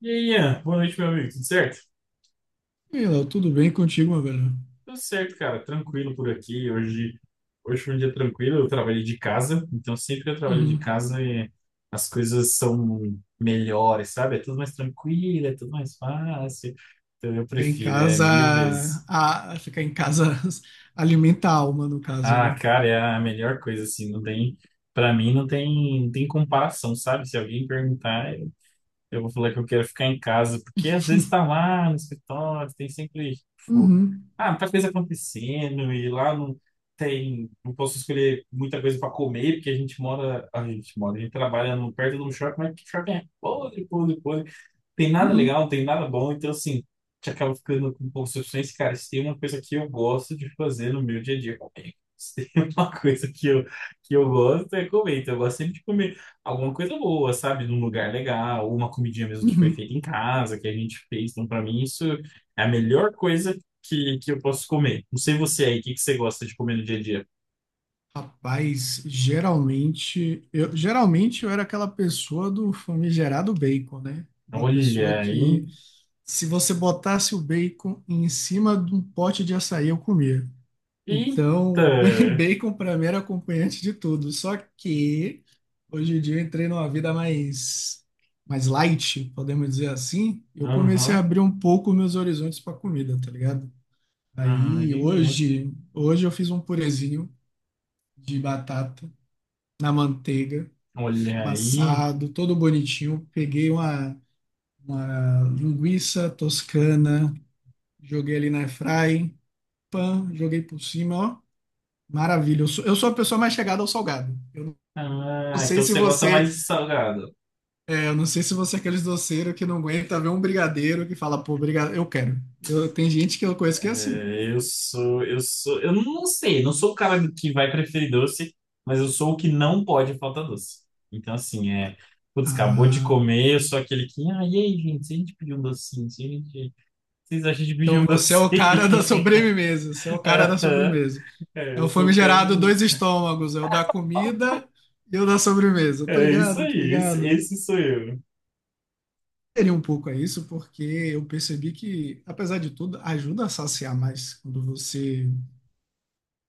E aí, Ian, boa noite, meu amigo. Tudo certo? E aí, Léo, tudo bem contigo, meu velho? Tudo certo, cara. Tranquilo por aqui. Hoje foi um dia tranquilo. Eu trabalhei de casa, então sempre que eu trabalho de Uhum. casa as coisas são melhores, sabe? É tudo mais tranquilo, é tudo mais fácil. Então eu Ficar em prefiro, é mil casa, vezes. ficar em casa alimenta a alma, no caso, Ah, né? cara, é a melhor coisa, assim. Não tem, para mim, não tem comparação, sabe? Se alguém perguntar, eu vou falar que eu quero ficar em casa, porque às vezes tá lá no escritório, tem sempre, tipo, Uhum, ah, muita coisa acontecendo, e lá não tem, não posso escolher muita coisa para comer, porque a gente trabalha no, perto de um shopping, mas que shopping é podre, podre, podre, tem nada uhum, legal, não tem nada bom, então assim, te acaba ficando com concepções, cara, se tem uma coisa que eu gosto de fazer no meu dia a dia, comer. Se tem uma coisa que eu gosto é comer, então eu gosto sempre de comer alguma coisa boa, sabe, num lugar legal, ou uma comidinha mesmo que foi uhum. feita em casa, que a gente fez, então pra mim isso é a melhor coisa que eu posso comer. Não sei você aí, o que que você gosta de comer no dia a dia? Rapaz, geralmente eu era aquela pessoa do famigerado bacon, né? Aquela pessoa Olha aí, que se você botasse o bacon em cima de um pote de açaí, eu comia. eita, Então, bacon para mim era acompanhante de tudo. Só que hoje em dia eu entrei numa mais light, podemos dizer assim. Eu comecei a aham, abrir um pouco meus horizontes para comida, tá ligado? ah, entendi. Hoje eu fiz um purezinho de batata na manteiga, Olha aí. amassado, todo bonitinho. Uma linguiça toscana, joguei ali na airfry, pan, joguei por cima, ó. Maravilha. Eu sou a pessoa mais chegada ao salgado. Não Ah, sei então se você gosta mais você, de salgado. Eu não sei se você é aqueles doceiros que não aguenta ver um brigadeiro que fala, pô, brigadeiro, eu quero. Eu, tem gente que eu conheço que é assim. É, eu não sei, não sou o cara que vai preferir doce, mas eu sou o que não pode faltar doce. Então, assim, é, putz, acabou de Ah, comer, eu sou aquele que, ah, e aí, gente, se a gente pedir um docinho, se a gente, vocês acham de pedir então um você é o docinho? cara da sobremesa, você é o cara da Aham. sobremesa. É, É eu o sou o cara, famigerado dois estômagos, é o da comida e o da sobremesa. Tô é isso ligado, tô aí, esse, ligado. esse sou eu. Seria um pouco a isso, porque eu percebi que, apesar de tudo, ajuda a saciar mais quando você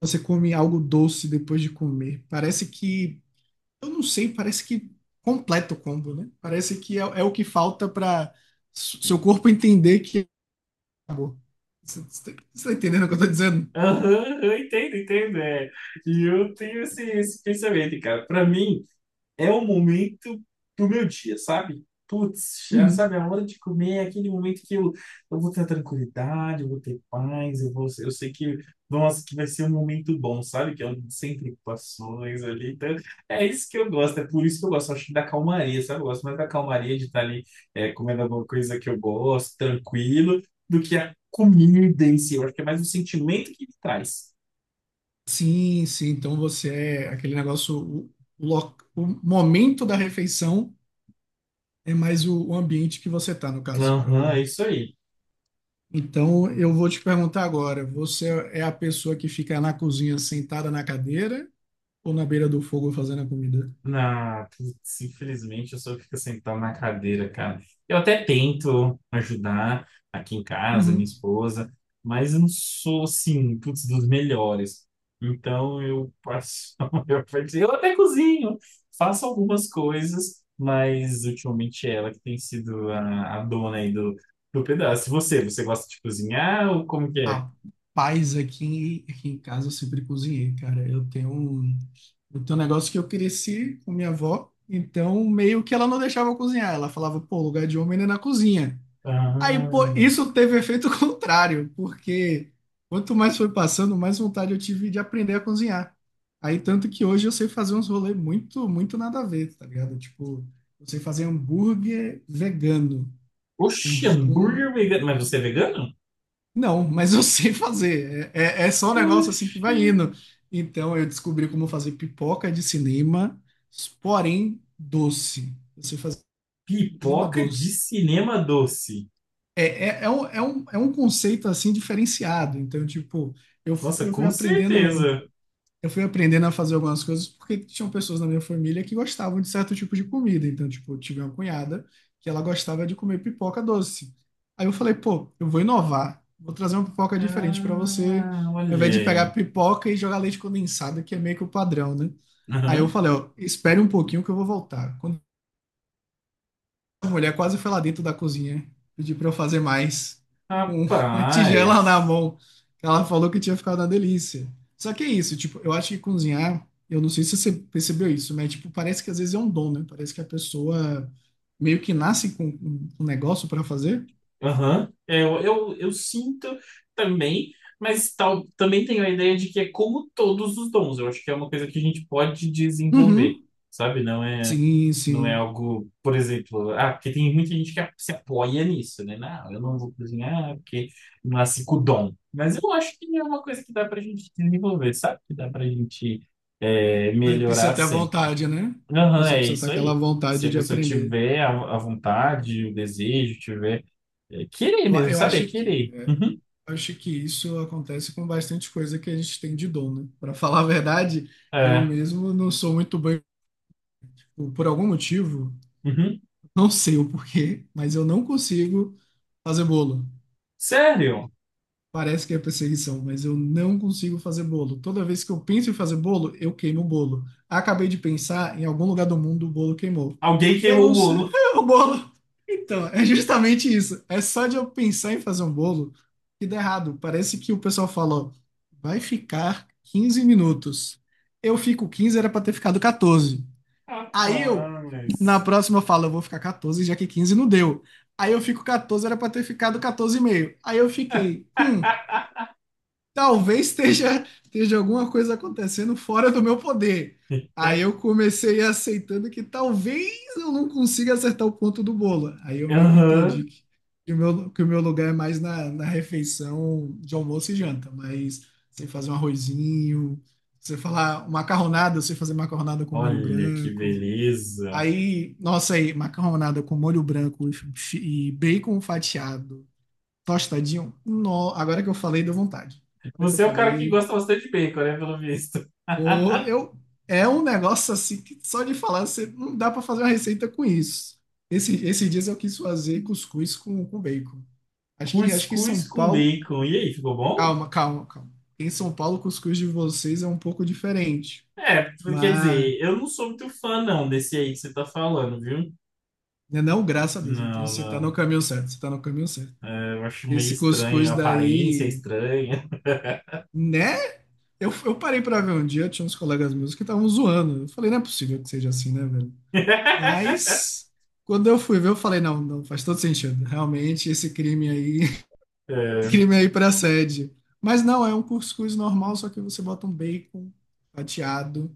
você come algo doce depois de comer. Parece que, eu não sei, parece que completa o combo, né? Parece que é, é o que falta para seu corpo entender que acabou. Você você tá entendendo o que eu tô dizendo? Aham, eu entendo, entendo, é. E eu tenho esse pensamento, cara. Pra mim, é o momento do meu dia, sabe? Putz, já Uhum. sabe, a hora de comer é aquele momento que eu vou ter tranquilidade, eu vou ter paz, eu vou, eu sei que, nossa, que vai ser um momento bom, sabe? Que é sem preocupações ali. Então, é isso que eu gosto, é por isso que eu gosto, acho que da calmaria, sabe? Eu gosto mais da calmaria de estar ali comendo alguma coisa que eu gosto, tranquilo, do que a comida em si. Eu acho que é mais o sentimento que ele traz. Sim, sim. Então você é aquele negócio, o momento da refeição é mais o ambiente que você tá, no caso. Aham, é isso aí. Então eu vou te perguntar agora, você é a pessoa que fica na cozinha sentada na cadeira ou na beira do fogo fazendo a comida? Na, putz, infelizmente eu só fico sentado na cadeira, cara. Eu até tento ajudar aqui em casa, minha Uhum. esposa, mas eu não sou assim, putz, dos melhores. Então eu passo a maior. Eu até cozinho, faço algumas coisas, mas ultimamente é ela que tem sido a dona aí do, do pedaço. E você, você gosta de cozinhar ou como que é? Pais aqui, aqui em casa eu sempre cozinhei, cara. Eu tenho um negócio que eu cresci com minha avó, então meio que ela não deixava eu cozinhar. Ela falava, pô, lugar de homem não é na cozinha. Aí, pô, Ah, isso teve efeito contrário, porque quanto mais foi passando, mais vontade eu tive de aprender a cozinhar. Aí, tanto que hoje eu sei fazer uns rolês muito, muito nada a ver, tá ligado? Tipo, eu sei fazer hambúrguer vegano, oxe, uns com hambúrguer vegano. Mas você é vegano? Não, mas eu sei fazer. É, é, é só um negócio assim que Oxi. vai indo. Então eu descobri como fazer pipoca de cinema, porém doce. Eu sei fazer cinema Pipoca de doce. cinema doce. É, é, é um, é um, é um conceito assim diferenciado. Então, tipo, eu, Nossa, fui- eu fui com aprendendo certeza. eu fui aprendendo a fazer algumas coisas porque tinham pessoas na minha família que gostavam de certo tipo de comida. Então, tipo, eu tive uma cunhada que ela gostava de comer pipoca doce. Aí eu falei, pô, eu vou inovar, vou trazer uma pipoca diferente para você, Ah, ao olha invés de pegar aí. pipoca e jogar leite condensado, que é meio que o padrão, né? Aí eu Aham. falei, ó, espere um pouquinho que eu vou voltar. Quando a mulher quase foi lá dentro da cozinha pedir para eu fazer mais, com uma tigela na Rapaz. mão. Ela falou que tinha ficado uma delícia. Só que é isso, tipo, eu acho que cozinhar, eu não sei se você percebeu isso, mas tipo, parece que às vezes é um dom, né? Parece que a pessoa meio que nasce com um negócio para fazer. Aham. Eu sinto também, mas tal, também tenho a ideia de que é como todos os dons. Eu acho que é uma coisa que a gente pode desenvolver, Uhum. sabe? Não é, Sim, não é sim. algo, por exemplo, ah, porque tem muita gente que se apoia nisso, né? Não, eu não vou cozinhar porque nasci com o dom. Mas eu acho que é uma coisa que dá pra gente desenvolver, sabe? Que dá pra gente Mas precisa melhorar ter a sempre. vontade, né? A Aham, pessoa é precisa ter isso aquela aí. Se vontade a de pessoa aprender. tiver a vontade, o desejo, tiver. É Kirei Eu, a- mesmo, eu sabe? É acho que Kirei. é, Uhum. acho que isso acontece com bastante coisa que a gente tem de dom, né? Para falar a verdade, eu É. mesmo não sou muito bem por algum motivo, Uhum. não sei o porquê, mas eu não consigo fazer bolo. Sério? Parece que é perseguição, mas eu não consigo fazer bolo. Toda vez que eu penso em fazer bolo, eu queimo o bolo. Acabei de pensar, em algum lugar do mundo o bolo queimou. Alguém Eu queimou o não sei, bolo. o bolo. Então, é justamente isso. É só de eu pensar em fazer um bolo que dá errado. Parece que o pessoal fala, ó, vai ficar 15 minutos. Eu fico 15, era pra ter ficado 14. Aí eu, na Rapaz. próxima, eu falo, eu vou ficar 14, já que 15 não deu. Aí eu fico 14, era pra ter ficado quatorze e meio. Aí eu fiquei, talvez esteja alguma coisa acontecendo fora do meu poder. Aí eu comecei aceitando que talvez eu não consiga acertar o ponto do bolo. Aí eu meio que Aham. entendi que o meu lugar é mais na, na refeição de almoço e janta, mas você fazer um arrozinho, você falar macarronada, você fazer macarronada com molho Olha que branco. beleza. Aí, nossa, aí, macarronada com molho branco e bacon fatiado Tostadinho, no, agora que eu falei, deu vontade. Agora que eu Você é o cara que falei, gosta bastante de bacon, né? Pelo visto. pô, eu, é um negócio assim que só de falar, você não dá para fazer uma receita com isso. Esses dias eu quis fazer cuscuz com bacon. Acho que em São Cuscuz com Paulo. bacon. E aí, ficou bom? Calma, calma, calma. Em São Paulo, o cuscuz de vocês é um pouco diferente. É, quer Mas, dizer, eu não sou muito fã, não, desse aí que você tá falando, viu? né, não, graças a Deus. Então Não, você tá no não. caminho certo, você tá no caminho certo. É, eu acho meio Esse estranho. cuscuz A aparência é daí, estranha. né? Eu parei pra ver um dia, tinha uns colegas meus que estavam zoando. Eu falei, não é possível que seja assim, né, velho? Mas quando eu fui ver, eu falei, não, não, faz todo sentido. Realmente, esse crime aí, esse É. crime aí pra sede. Mas não, é um cuscuz normal, só que você bota um bacon fatiado,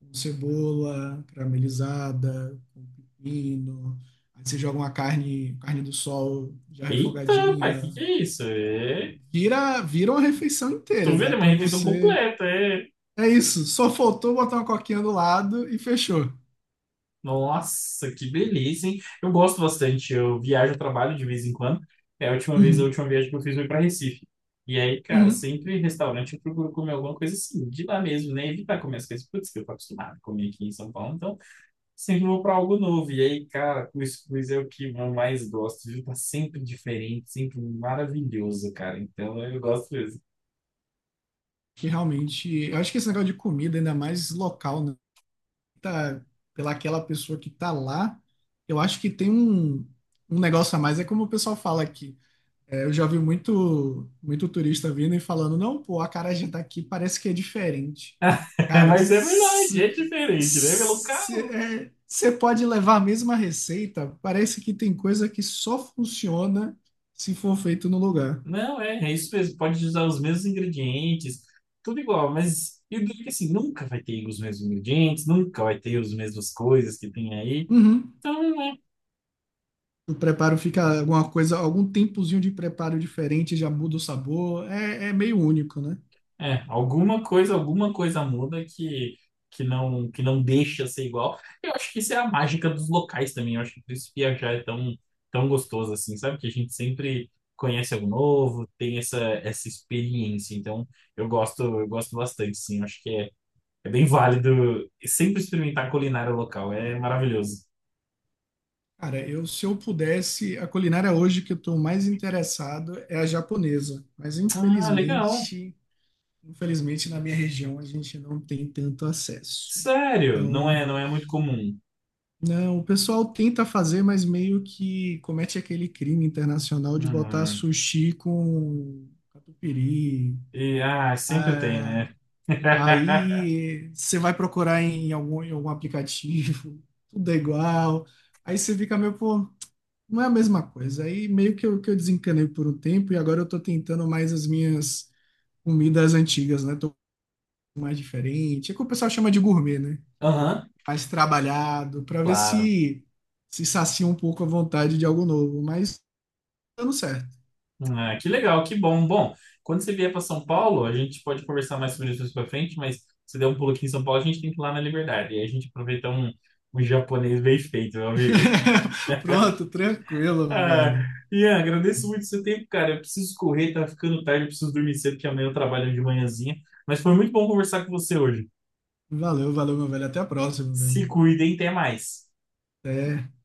com cebola caramelizada, com pepino. Aí você joga uma carne, carne do sol já Eita, pai, o que refogadinha. que é isso? É. Vira uma refeição Tu inteira. vê, Dá é uma pra refeição você completa, é. É isso, só faltou botar uma coquinha do lado e fechou. Nossa, que beleza, hein? Eu gosto bastante. Eu viajo, trabalho de vez em quando. É a última vez, a Uhum, última viagem que eu fiz foi para Recife. E aí, cara, uhum. sempre em restaurante eu procuro comer alguma coisa assim, de lá mesmo, né? Evitar comer as coisas, putz, que eu tô acostumado a comer aqui em São Paulo, então sempre vou para algo novo. E aí, cara, cuscuz é o que eu mais gosto, viu? Tá sempre diferente, sempre maravilhoso, cara. Então eu gosto mesmo. Que realmente, eu acho que esse negócio de comida, ainda mais local, né? Tá, pela aquela pessoa que tá lá, eu acho que tem um, um negócio a mais. É como o pessoal fala aqui. É, eu já vi muito, muito turista vindo e falando, não, pô, a acarajé daqui parece que é diferente. Cara, Mas é verdade, é diferente, né? Meu local, você pode levar a mesma receita, parece que tem coisa que só funciona se for feito no lugar. não, é, é isso mesmo. Pode usar os mesmos ingredientes, tudo igual, mas eu digo que assim, nunca vai ter os mesmos ingredientes, nunca vai ter as mesmas coisas que tem aí. Uhum. Então, né, O preparo fica alguma coisa, algum tempozinho de preparo diferente, já muda o sabor, é, é meio único, né? é, alguma coisa muda que não deixa ser igual. Eu acho que isso é a mágica dos locais também. Eu acho que por isso viajar é tão, tão gostoso assim, sabe? Que a gente sempre conhece algo novo, tem essa experiência. Então, eu gosto bastante, sim. Eu acho que é. É bem válido. E sempre experimentar culinária local. É maravilhoso. Cara, eu se eu pudesse, a culinária hoje que eu estou mais interessado é a japonesa, mas Ah, legal. infelizmente, infelizmente na minha região a gente não tem tanto acesso. Sério, não é, Então, não é muito comum. não, o pessoal tenta fazer, mas meio que comete aquele crime internacional de botar Hum, sushi com catupiry. e, ah, sempre tem, né? Aí você vai procurar em algum aplicativo, tudo é igual. Aí você fica meio, pô, não é a mesma coisa. Aí meio que eu desencanei por um tempo e agora eu tô tentando mais as minhas comidas antigas, né? Tô mais diferente. É que o pessoal chama de gourmet, né? Aham, Mais trabalhado, pra ver claro. se se sacia um pouco a vontade de algo novo. Mas dando certo. Ah, que legal, que bom. Bom, quando você vier para São Paulo, a gente pode conversar mais sobre isso mais para frente, mas se der um pulo aqui em São Paulo, a gente tem que ir lá na Liberdade. E aí a gente aproveita um, um japonês bem feito, meu amigo. Pronto, tranquilo, meu Ah, velho. Ian, agradeço muito o seu tempo, cara. Eu preciso correr, tá ficando tarde, eu preciso dormir cedo, porque amanhã eu trabalho de manhãzinha. Mas foi muito bom conversar com você hoje. Valeu, valeu, meu velho. Até a próxima, velho. Se cuidem, até mais. Até.